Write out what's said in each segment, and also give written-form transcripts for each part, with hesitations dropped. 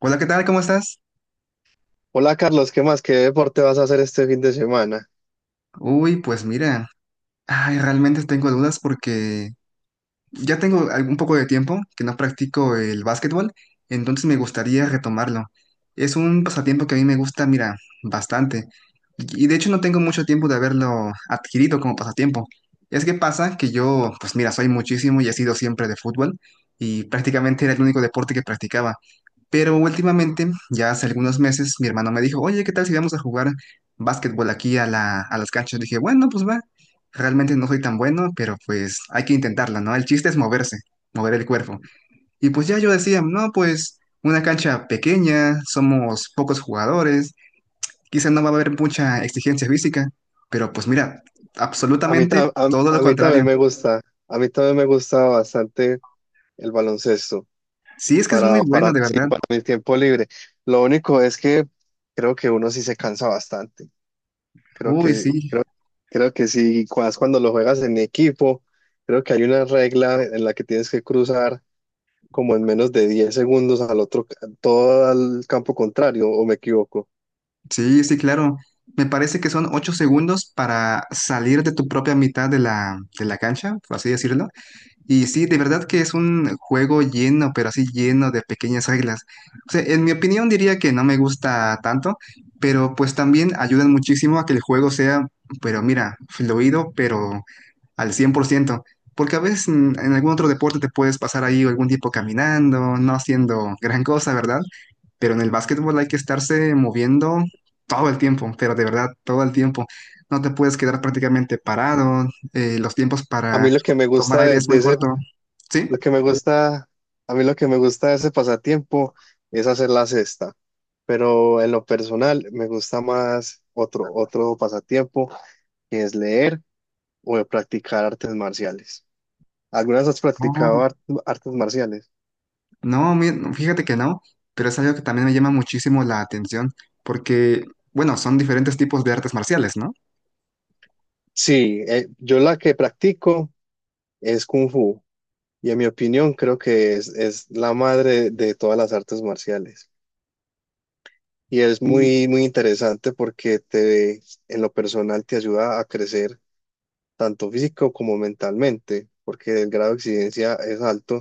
Hola, ¿qué tal? ¿Cómo estás? Hola Carlos, ¿qué más? ¿Qué deporte vas a hacer este fin de semana? Uy, pues mira, ay, realmente tengo dudas porque ya tengo algún poco de tiempo que no practico el básquetbol, entonces me gustaría retomarlo. Es un pasatiempo que a mí me gusta, mira, bastante. Y de hecho no tengo mucho tiempo de haberlo adquirido como pasatiempo. Es que pasa que yo, pues mira, soy muchísimo y he sido siempre de fútbol y prácticamente era el único deporte que practicaba. Pero últimamente, ya hace algunos meses, mi hermano me dijo, oye, ¿qué tal si vamos a jugar básquetbol aquí a las canchas? Dije, bueno, pues va, realmente no soy tan bueno, pero pues hay que intentarla, ¿no? El chiste es moverse, mover el cuerpo. Y pues ya yo decía, no, pues una cancha pequeña, somos pocos jugadores, quizá no va a haber mucha exigencia física, pero pues mira, A mí, absolutamente todo lo a mí también contrario. me gusta. A mí también me gusta bastante el baloncesto Sí, es que es muy bueno, de sí, verdad. para mi tiempo libre. Lo único es que creo que uno sí se cansa bastante. Creo Uy, que, sí, creo, creo que sí, más cuando lo juegas en equipo. Creo que hay una regla en la que tienes que cruzar como en menos de 10 segundos al otro, todo al campo contrario, ¿o me equivoco? sí, sí, claro. Me parece que son 8 segundos para salir de tu propia mitad de de la cancha, por así decirlo. Y sí, de verdad que es un juego lleno, pero así lleno de pequeñas reglas. O sea, en mi opinión diría que no me gusta tanto, pero pues también ayudan muchísimo a que el juego sea, pero mira, fluido, pero al 100%. Porque a veces en algún otro deporte te puedes pasar ahí algún tiempo caminando, no haciendo gran cosa, ¿verdad? Pero en el básquetbol hay que estarse moviendo todo el tiempo, pero de verdad, todo el tiempo. No te puedes quedar prácticamente parado. Los tiempos A para mí lo que me tomar gusta aire es de muy ese, corto. Lo ¿Sí? que me gusta, a mí lo que me gusta de ese pasatiempo es hacer la cesta, pero en lo personal me gusta más otro pasatiempo que es leer o de practicar artes marciales. ¿Algunas has practicado No, artes marciales? no, no, fíjate que no, pero es algo que también me llama muchísimo la atención porque, bueno, son diferentes tipos de artes marciales, ¿no? Sí, yo la que practico es Kung Fu y en mi opinión creo que es la madre de todas las artes marciales. Y es muy, muy interesante en lo personal te ayuda a crecer tanto físico como mentalmente, porque el grado de exigencia es alto,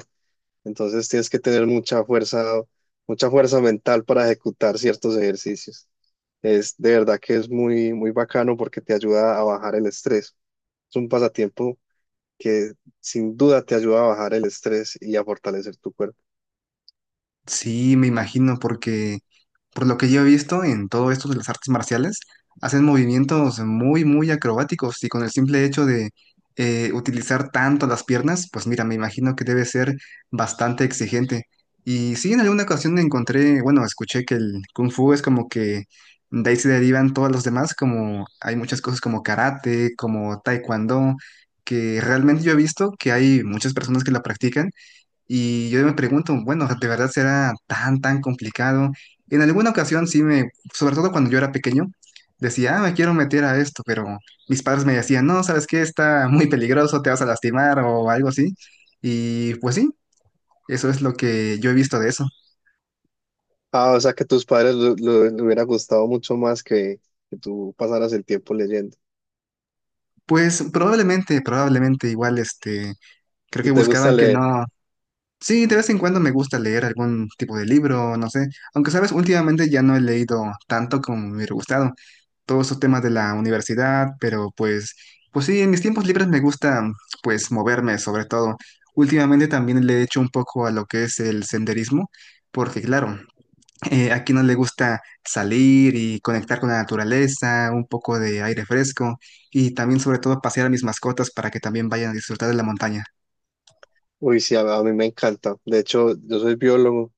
entonces tienes que tener mucha fuerza mental para ejecutar ciertos ejercicios. Es de verdad que es muy, muy bacano porque te ayuda a bajar el estrés. Es un pasatiempo que sin duda te ayuda a bajar el estrés y a fortalecer tu cuerpo. Sí, me imagino, porque por lo que yo he visto en todo esto de las artes marciales, hacen movimientos muy, muy acrobáticos y con el simple hecho de utilizar tanto las piernas, pues mira, me imagino que debe ser bastante exigente. Y sí, en alguna ocasión encontré, bueno, escuché que el kung fu es como que de ahí se derivan todos los demás, como hay muchas cosas como karate, como taekwondo, que realmente yo he visto que hay muchas personas que la practican y yo me pregunto, bueno, ¿de verdad será tan, tan complicado? En alguna ocasión sí me, sobre todo cuando yo era pequeño, decía, ah, me quiero meter a esto, pero mis padres me decían, no, ¿sabes qué? Está muy peligroso, te vas a lastimar o algo así. Y pues sí, eso es lo que yo he visto de eso. Ah, o sea que tus padres le hubiera gustado mucho más que tú pasaras el tiempo leyendo. Pues probablemente, probablemente igual, este, creo ¿Y que te gusta buscaban que leer? no. Sí, de vez en cuando me gusta leer algún tipo de libro, no sé. Aunque, sabes, últimamente ya no he leído tanto como me hubiera gustado. Todos esos temas de la universidad, pero pues sí, en mis tiempos libres me gusta, pues, moverme sobre todo. Últimamente también le he hecho un poco a lo que es el senderismo, porque claro, a quien no le gusta salir y conectar con la naturaleza, un poco de aire fresco y también sobre todo pasear a mis mascotas para que también vayan a disfrutar de la montaña. Uy, sí, a mí me encanta. De hecho, yo soy biólogo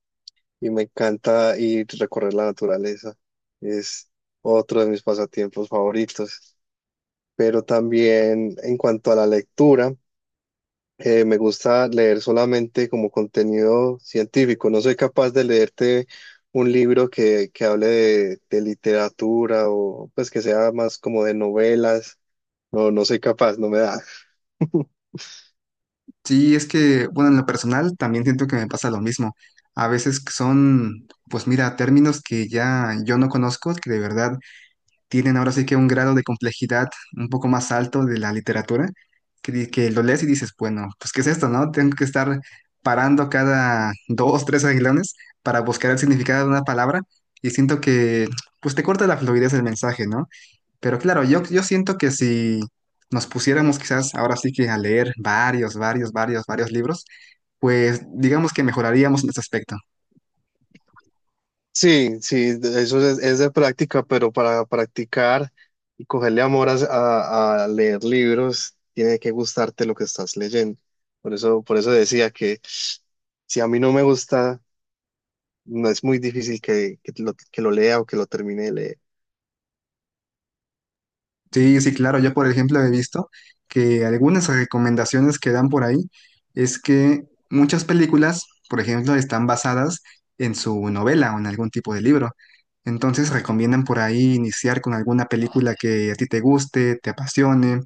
y me encanta ir a recorrer la naturaleza. Es otro de mis pasatiempos favoritos. Pero también en cuanto a la lectura, me gusta leer solamente como contenido científico. No soy capaz de leerte un libro que hable de literatura o pues que sea más como de novelas. No, no soy capaz, no me da. Sí, es que, bueno, en lo personal también siento que me pasa lo mismo. A veces que son, pues mira, términos que ya yo no conozco, que de verdad tienen ahora sí que un grado de complejidad un poco más alto de la literatura, que, que lo lees y dices, bueno, pues ¿qué es esto, no? Tengo que estar parando cada dos, tres aguilones para buscar el significado de una palabra y siento que, pues te corta la fluidez del mensaje, ¿no? Pero claro, yo siento que si nos pusiéramos quizás ahora sí que a leer varios, varios, varios, varios libros, pues digamos que mejoraríamos en ese aspecto. Sí, sí, eso es de práctica, pero para practicar y cogerle amor a leer libros, tiene que gustarte lo que estás leyendo. Por eso decía que si a mí no me gusta, no es muy difícil que lo lea o que lo termine de leer. Sí, sí, claro. Yo, por ejemplo, he visto que algunas recomendaciones que dan por ahí es que muchas películas, por ejemplo, están basadas en su novela o en algún tipo de libro. Entonces recomiendan por ahí iniciar con alguna película que a ti te guste, te apasione,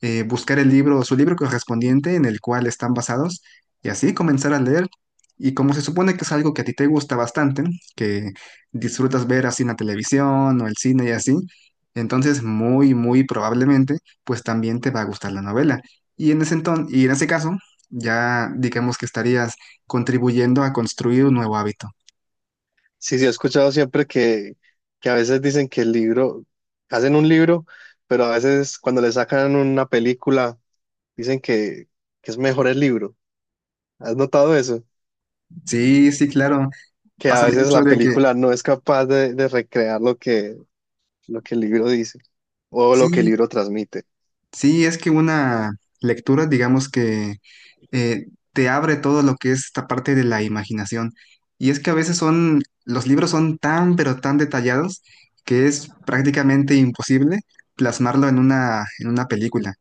buscar el libro, su libro correspondiente en el cual están basados y así comenzar a leer. Y como se supone que es algo que a ti te gusta bastante, que disfrutas ver así en la televisión o el cine y así, entonces muy, muy probablemente pues también te va a gustar la novela. Y en ese entonces, y en ese caso, ya digamos que estarías contribuyendo a construir un nuevo hábito. Sí, sí, he escuchado siempre que a veces dicen que el hacen un libro, pero a veces cuando le sacan una película, dicen que es mejor el libro. ¿Has notado eso? Sí, sí, claro. Que a Pasa veces mucho la de que película no es capaz de recrear lo lo que el libro dice o lo que el sí, libro transmite. sí, es que una lectura, digamos que, eh, te abre todo lo que es esta parte de la imaginación. Y es que a veces son, los libros son tan, pero tan detallados que es prácticamente imposible plasmarlo en en una película.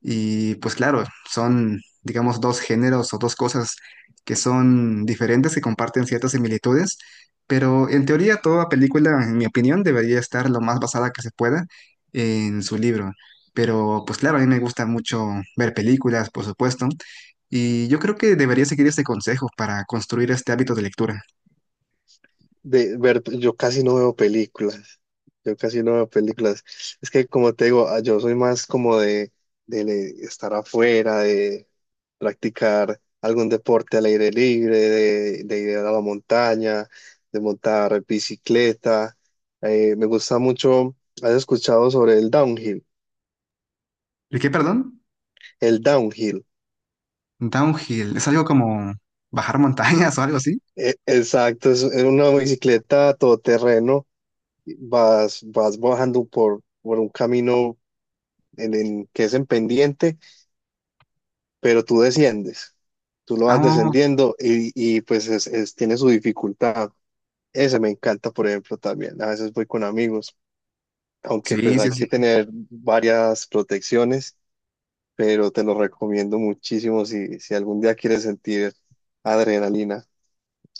Y pues claro, son, digamos, dos géneros o dos cosas que son diferentes, que comparten ciertas similitudes, pero en teoría toda película, en mi opinión, debería estar lo más basada que se pueda en su libro. Pero pues claro, a mí me gusta mucho ver películas, por supuesto, y yo creo que debería seguir este consejo para construir este hábito de lectura. De ver, yo casi no veo películas. Es que como te digo, ah, yo soy más como estar afuera, de practicar algún deporte al aire libre, de ir a la montaña, de montar bicicleta. Me gusta mucho, ¿has escuchado sobre el downhill? ¿El qué, perdón? El downhill. Downhill. ¿Es algo como bajar montañas o algo así? Exacto, es una bicicleta todoterreno, vas bajando por un camino que es en pendiente, pero tú desciendes, tú lo vas Ah, descendiendo y, tiene su dificultad. Ese me encanta, por ejemplo, también. A veces voy con amigos, aunque pues sí, sí, hay sí. que tener varias protecciones, pero te lo recomiendo muchísimo si, si algún día quieres sentir adrenalina.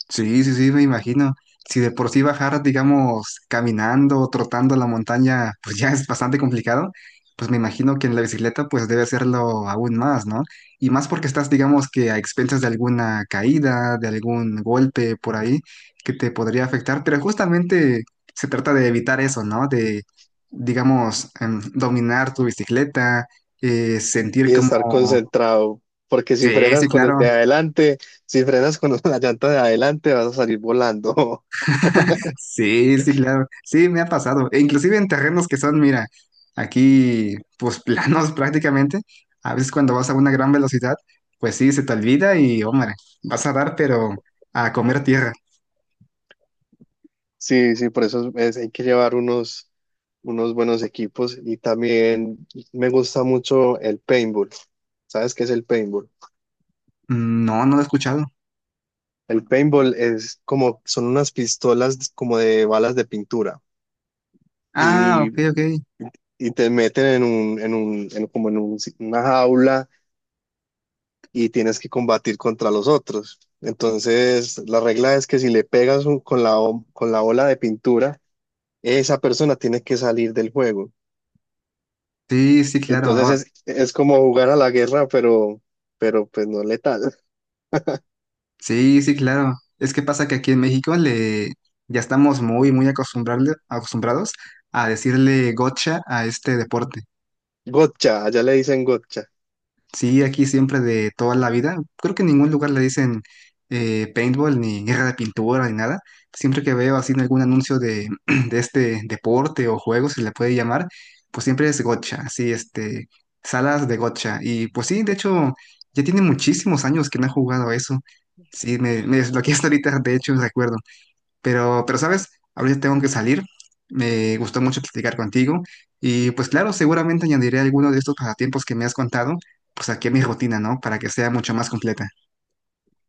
Sí, sí, sí, me imagino. Si de por sí bajar, digamos, caminando o trotando la montaña, pues ya es bastante complicado, pues me imagino que en la bicicleta pues debe serlo aún más, ¿no? Y más porque estás, digamos, que a expensas de alguna caída, de algún golpe por ahí que te podría afectar, pero justamente se trata de evitar eso, ¿no? De, digamos, dominar tu bicicleta, sentir Y como... estar concentrado, porque si Sí, sí, frenas con el claro. de adelante, si frenas con la llanta de adelante, vas a salir volando. Sí, sí, claro. Sí, me ha pasado. E inclusive en terrenos que son, mira, aquí, pues planos prácticamente. A veces cuando vas a una gran velocidad, pues sí, se te olvida y, hombre, vas a dar, pero a comer tierra. Sí, sí, hay que llevar unos buenos equipos y también me gusta mucho el paintball. ¿Sabes qué es el paintball? Mm, no, no lo he escuchado. El paintball es como, son unas pistolas como de balas de pintura Ah, y, ok, ok. y te meten en un, en un, en como en un- una jaula y tienes que combatir contra los otros. Entonces, la regla es que si le pegas con con la ola de pintura, esa persona tiene que salir del juego. Sí, sí, claro. Entonces es como jugar a la guerra, pero pues no letal. Sí, sí, claro. Es que pasa que aquí en México le ya estamos muy, muy acostumbrados a decirle gocha a este deporte. Gotcha, allá le dicen gotcha. Sí, aquí siempre de toda la vida. Creo que en ningún lugar le dicen, paintball ni guerra de pintura ni nada. Siempre que veo así en algún anuncio de, de este deporte o juego, se le puede llamar, pues siempre es gotcha, así este, salas de gotcha. Y pues sí, de hecho, ya tiene muchísimos años que no he jugado a eso. Sí, me desbloqueaste ahorita, de hecho, recuerdo. Pero sabes, ahorita tengo que salir. Me gustó mucho platicar contigo. Y pues claro, seguramente añadiré alguno de estos pasatiempos que me has contado, pues aquí a mi rutina, ¿no? Para que sea mucho más completa.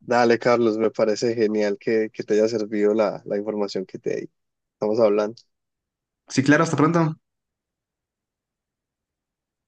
Dale, Carlos, me parece genial que te haya servido la información que te di. Estamos hablando. Sí, claro, hasta pronto.